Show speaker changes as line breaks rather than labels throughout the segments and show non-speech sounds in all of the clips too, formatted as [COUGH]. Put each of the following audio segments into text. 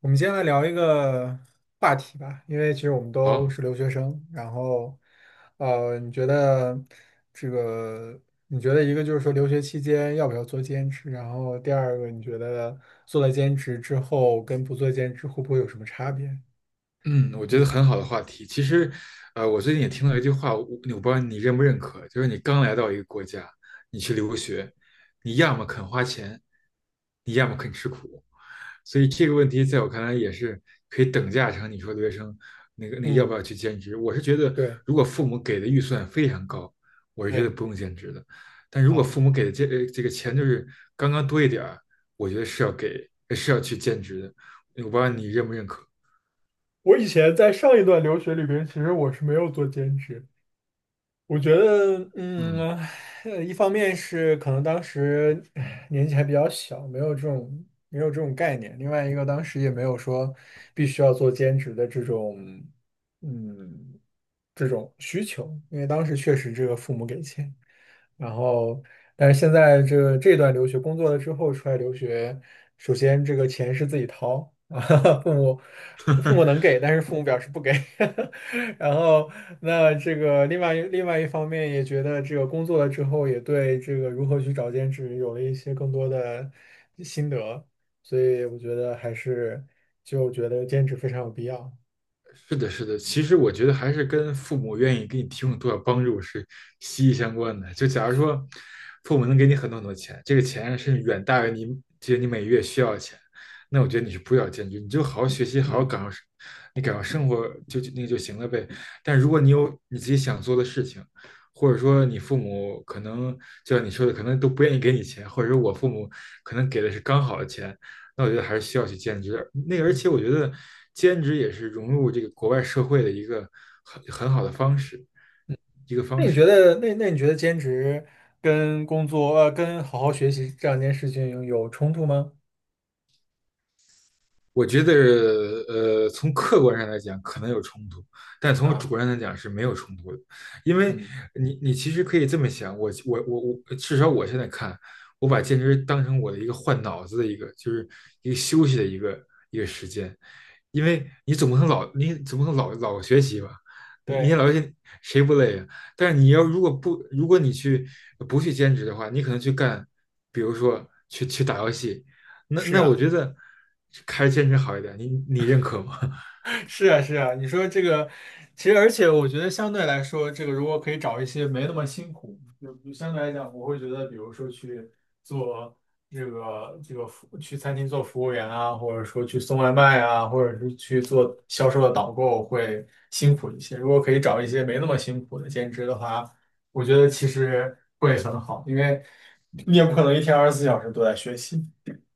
我们今天来聊一个话题吧。因为其实我们都
好，
是留学生，然后，你觉得这个，你觉得一个就是说留学期间要不要做兼职，然后第二个你觉得做了兼职之后跟不做兼职会不会有什么差别？
嗯，我觉得很好的话题。其实，我最近也听到一句话，我不知道你认不认可，就是你刚来到一个国家，你去留学，你要么肯花钱，你要么肯吃苦。所以这个问题在我看来也是可以等价成你说留学生那个要不
嗯，
要去兼职。我是觉得，
对，
如果父母给的预算非常高，我是觉得
对
不用兼职的。但如果
啊，
父母给的这个钱就是刚刚多一点儿，我觉得是是要去兼职的。我不知道你认不认可。
我以前在上一段留学里边，其实我是没有做兼职。我觉得，
嗯，
呃一方面是可能当时年纪还比较小，没有这种概念；另外一个，当时也没有说必须要做兼职的这种，嗯，这种需求，因为当时确实这个父母给钱。然后，但是现在这个这段留学工作了之后出来留学，首先这个钱是自己掏啊，[LAUGHS] 父母父母能给，但是父母表示不给。[LAUGHS] 然后，那这个另外一方面也觉得这个工作了之后，也对这个如何去找兼职有了一些更多的心得，所以我觉得还是就觉得兼职非常有必要。
是的，是的。其实我觉得还是跟父母愿意给你提供多少帮助是息息相关的。就假如说，父母能给你很多很多钱，这个钱是远大于你每月需要的钱，那我觉得你是不要兼职，你就好好学习，好好
嗯。
感受生活就那个就行了呗。但如果你有你自己想做的事情，或者说你父母可能就像你说的，可能都不愿意给你钱，或者说我父母可能给的是刚好的钱，那我觉得还是需要去兼职。而且我觉得兼职也是融入这个国外社会的一个很好的方式，一个
那
方
你觉
式。
得，那你觉得兼职跟工作，呃，跟好好学习这两件事情有冲突吗？
我觉得，从客观上来讲可能有冲突，但从主
啊，
观上来讲是没有冲突的，因为
嗯，
你其实可以这么想，我，至少我现在看，我把兼职当成我的一个换脑子的一个，就是一个休息的一个时间，因为你总不能学习吧，你
对，
老学习谁不累啊？但是你要如果不如果你去不去兼职的话，你可能去干，比如说去打游戏，那
是
那我
啊。
觉得开兼职好一点，你认可吗？[LAUGHS]
是啊，是啊，你说这个，其实而且我觉得相对来说，这个如果可以找一些没那么辛苦，就相对来讲，我会觉得，比如说去做这个这个服，去餐厅做服务员啊，或者说去送外卖啊，或者是去做销售的导购会辛苦一些。如果可以找一些没那么辛苦的兼职的话，我觉得其实会很好，因为你也不可能一天二十四小时都在学习，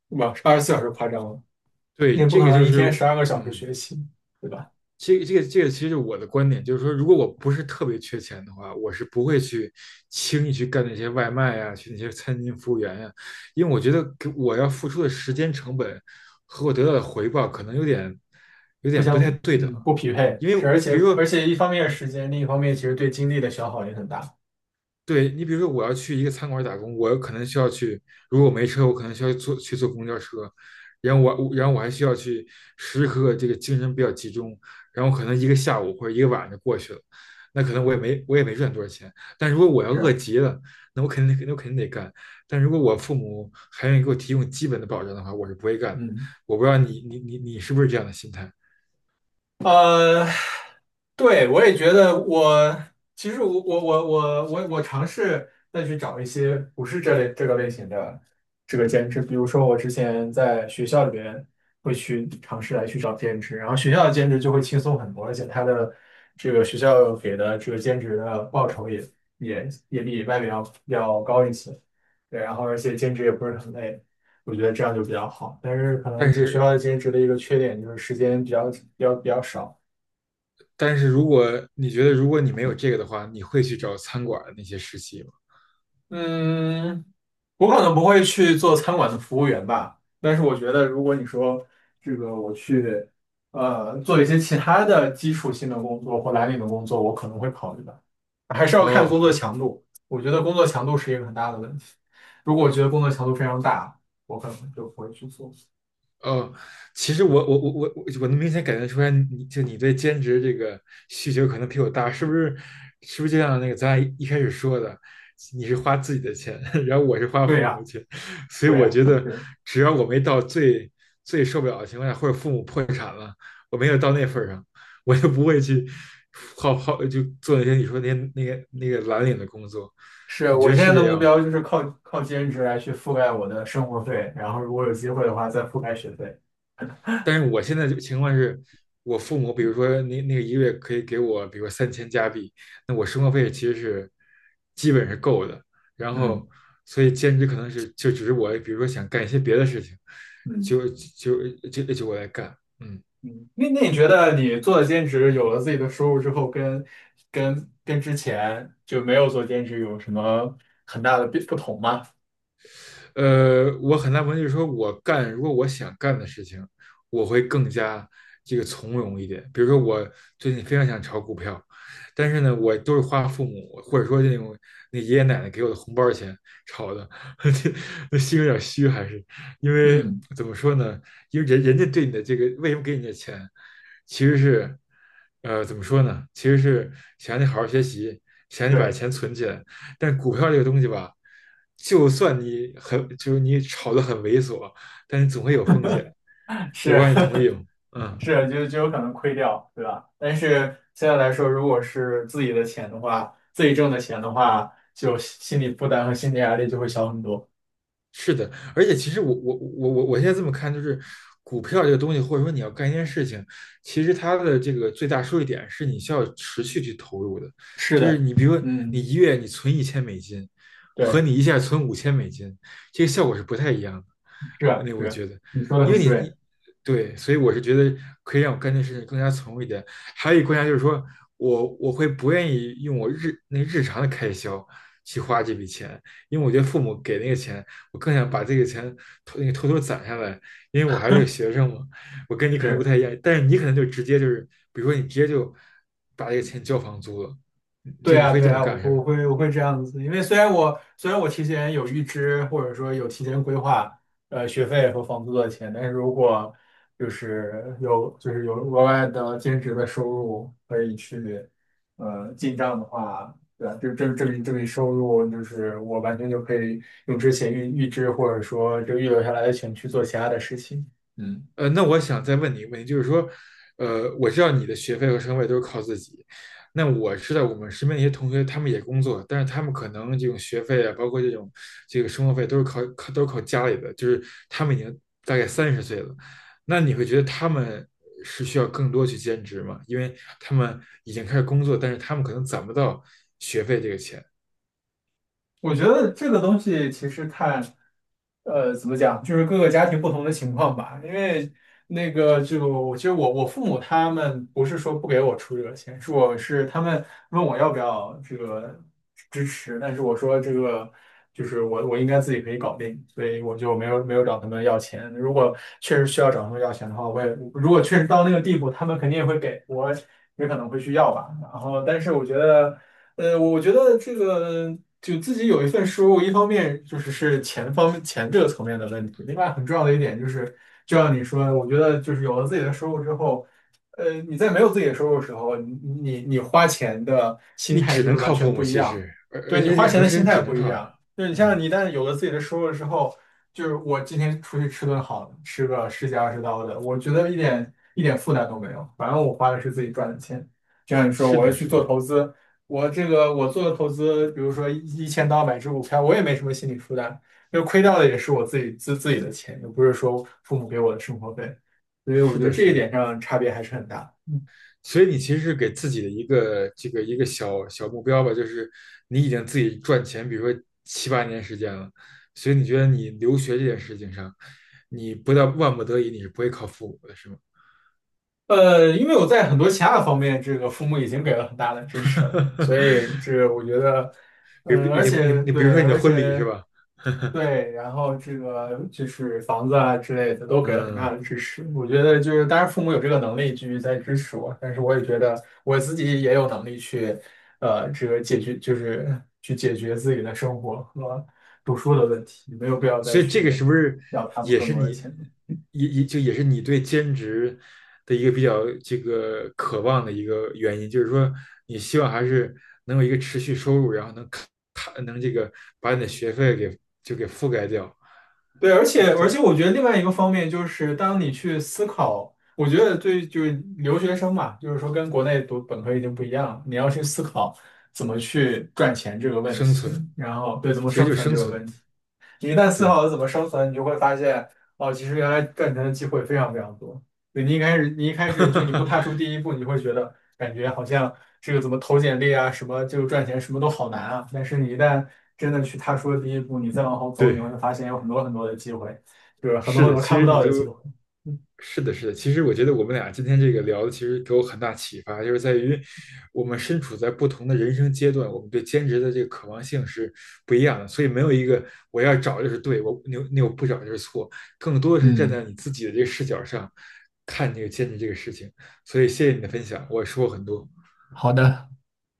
对吧？二十四小时夸张了，你
对，
也不
这
可
个
能
就
一天十
是，
二个小时
嗯，
学习，对吧？
这个其实我的观点就是说，如果我不是特别缺钱的话，我是不会去轻易去干那些外卖呀、去那些餐厅服务员呀、因为我觉得给我要付出的时间成本和我得到的回报可能有点有
互
点不
相
太对等，
嗯不匹配，
因为
而
比
且
如说
一方面是时间，另一方面其实对精力的消耗也很大。
对你，比如说我要去一个餐馆打工，我有可能需要去，如果没车，我可能需要坐公交车，然后然后我还需要去时时刻刻这个精神比较集中，然后可能一个下午或者一个晚上就过去了，那可能我也没赚多少钱，但如果我要
是
饿
啊，
极了，那我肯定得干，但如果我父母还愿意给我提供基本的保障的话，我是不会干的。
嗯。
我不知道你是不是这样的心态，
呃，对，我也觉得其实我我尝试再去找一些不是这类这个类型的这个兼职，比如说我之前在学校里边会去尝试来去找兼职，然后学校的兼职就会轻松很多，而且它的这个学校给的这个兼职的报酬也比外面要高一些。对，然后而且兼职也不是很累。我觉得这样就比较好。但是可能
但
这个学校
是
的兼职的一个缺点就是时间比较少。
但是如果你觉得如果你没有这个的话，你会去找餐馆的那些实习吗？
嗯，我可能不会去做餐馆的服务员吧，但是我觉得如果你说这个我去做一些其他的基础性的工作或蓝领的工作，我可能会考虑吧。还是要看
哦，
工
好，
作强度。我觉得工作强度是一个很大的问题。如果我觉得工作强度非常大，我可能就不会去做。
哦，其实我能明显感觉出来你，你对兼职这个需求可能比我大，是不是？是不是就像那个咱俩一开始说的，你是花自己的钱，[LAUGHS] 然后我是花
对
父母
呀，
的钱，所以
对
我
呀。
觉得
对。
只要我没到最受不了的情况下，或者父母破产了，我没有到那份儿上，[LAUGHS] 我就不会去好好就做那些那个蓝领的工作，
是
你觉
我
得
现
是
在的
这
目
样吗？
标就是靠兼职来去覆盖我的生活费，然后如果有机会的话再覆盖学费。
但是我现在这个情况是，我父母比如说1个月可以给我，比如说3000加币，那我生活费其实是基本是够的。然
嗯
后，所以兼职可能是就只是我，比如说想干一些别的事情，
嗯
就就就我来干。嗯。
嗯，那你觉得你做了兼职，有了自己的收入之后，跟之前就没有做兼职有什么很大的变不同吗？
我很大部分就是说我干，如果我想干的事情，我会更加这个从容一点。比如说，我最近非常想炒股票，但是呢，我都是花父母或者说那种那爷爷奶奶给我的红包钱炒的，[LAUGHS] 那心有点虚，还是因为
嗯，
怎么说呢？因为人家对你的这个为什么给你的钱，其实是怎么说呢？其实是想让你好好学习，想让你把
对，
钱存起来，但股票这个东西吧，就算你很就是你炒得很猥琐，但是总会有风险。我不
是
知道你同
[LAUGHS]
意吗？嗯。
是，就就有可能亏掉，对吧？但是现在来说，如果是自己的钱的话，自己挣的钱的话，就心理负担和心理压力就会小很多。
是的，而且其实我现在这么看，就是股票这个东西，或者说你要干一件事情，其实它的这个最大收益点是你需要持续去投入的。
是
就是
的，
你比如说你
嗯。
一月你存1000美金，和
对。
你一下存5000美金，这个效果是不太一样的。
是
我
啊
那
是
我
啊，
觉得，
你说的
因为
很
你
对，
你对，所以我是觉得可以让我干这事情更加从容一点。还有一个观察就是说我会不愿意用我日那个日常的开销去花这笔钱，因为我觉得父母给那个钱。我更想把这个钱偷那个偷偷攒下来，因为我还是个学生嘛，我跟你可能不
是
太一样，但是你可能就直接就是，比如说你直接就把这个钱交房租了，嗯就
对
你
啊
会
对
这么
啊，
干是吧？
我会这样子。因为虽然我提前有预支或者说有提前规划，呃，学费和房租的钱，但是如果就是有额外的兼职的收入可以去进账的话，对吧？就这笔收入，就是我完全就可以用之前预支或者说这个预留下来的钱去做其他的事情。嗯。
那我想再问你一个问题，就是说，我知道你的学费和生活费都是靠自己，那我知道我们身边一些同学，他们也工作，但是他们可能这种学费啊，包括这种这个生活费都是靠家里的，就是他们已经大概30岁了，那你会觉得他们是需要更多去兼职吗？因为他们已经开始工作，但是他们可能攒不到学费这个钱，
我觉得这个东西其实看，呃，怎么讲，就是各个家庭不同的情况吧。因为那个就我其实我父母他们不是说不给我出这个钱，是他们问我要不要这个支持，但是我说这个就是我应该自己可以搞定，所以我就没有找他们要钱。如果确实需要找他们要钱的话，如果确实到那个地步，他们肯定也会给我，也可能会去要吧。然后，但是我觉得。呃，我觉得这个就自己有一份收入，一方面就是钱方面这个层面的问题，另外很重要的一点就是，就像你说，我觉得就是有了自己的收入之后，呃，你在没有自己的收入的时候，你花钱的心
你
态
只
就是
能
完
靠
全
父母，
不一
其
样，
实，而
对
而
你花
且很
钱
多
的
事
心
情只
态
能
不一
靠，
样，就是
嗯，
你一旦有了自己的收入之后，就是我今天出去吃顿好的吃个十几二十刀的，我觉得一点负担都没有，反正我花的是自己赚的钱，就像你说，
是
我要
的，
去
是
做
的，
投资。我这个我做的投资，比如说一千到百只股票，我也没什么心理负担，因为亏掉的也是我自己自己的钱，又不是说父母给我的生活费，所以我
是
觉得
的，
这
是
一
的。
点上差别还是很大。嗯
所以你其实是给自己的一个小小目标吧，就是你已经自己赚钱，比如说7、8年时间了，所以你觉得你留学这件事情上，你不到万不得已，你是不会靠父母的，是吗？
呃，因为我在很多其他的方面，这个父母已经给了很大的支持了，所以这
[LAUGHS]
个我觉得，
比如
嗯、而
你你
且
你，比如
对，
说你的
而
婚礼是
且。
吧？[LAUGHS]
对，然后这个就是房子啊之类的都给了很大
嗯，
的支持。我觉得就是，当然父母有这个能力继续在支持我，但是我也觉得我自己也有能力去，呃，这个解决就是去解决自己的生活和读书的问题，没有必要再
所以这个
去
是不是
要他们
也
更
是
多的
你
钱。
也是你对兼职的一个比较这个渴望的一个原因？就是说，你希望还是能有一个持续收入，然后能看能这个把你的学费给就给覆盖掉，
对，而且
对，
我觉得另外一个方面就是，当你去思考，我觉得对，就是留学生嘛，就是说跟国内读本科已经不一样了，你要去思考怎么去赚钱这个问
生
题，
存
然后对，怎么
其实
生
就
存
生
这个
存，
问题。你一旦思
对，
考了怎么生存，你就会发现，哦，其实原来赚钱的机会非常非常多。对，你一开始就你不踏出
[LAUGHS]
第一步，你会觉得感觉好像这个怎么投简历啊，什么就赚钱，什么都好难啊。但是你一旦真的去踏出了第一步，你再往后走，你
对。
会发现有很多很多的机会，就是很多
是
很
的，
多
其
看不
实你
到的机
就
会。嗯
是的，是的。其实我觉得我们俩今天这个聊的，其实给我很大启发，就是在于我们身处在不同的人生阶段，我们对兼职的这个渴望性是不一样的。所以没有一个我要找就是对，我那那我不找就是错，更多的是站在
嗯，
你自己的这个视角上看这个兼职这个事情。所以谢谢你的分享，我说获很多。
好的。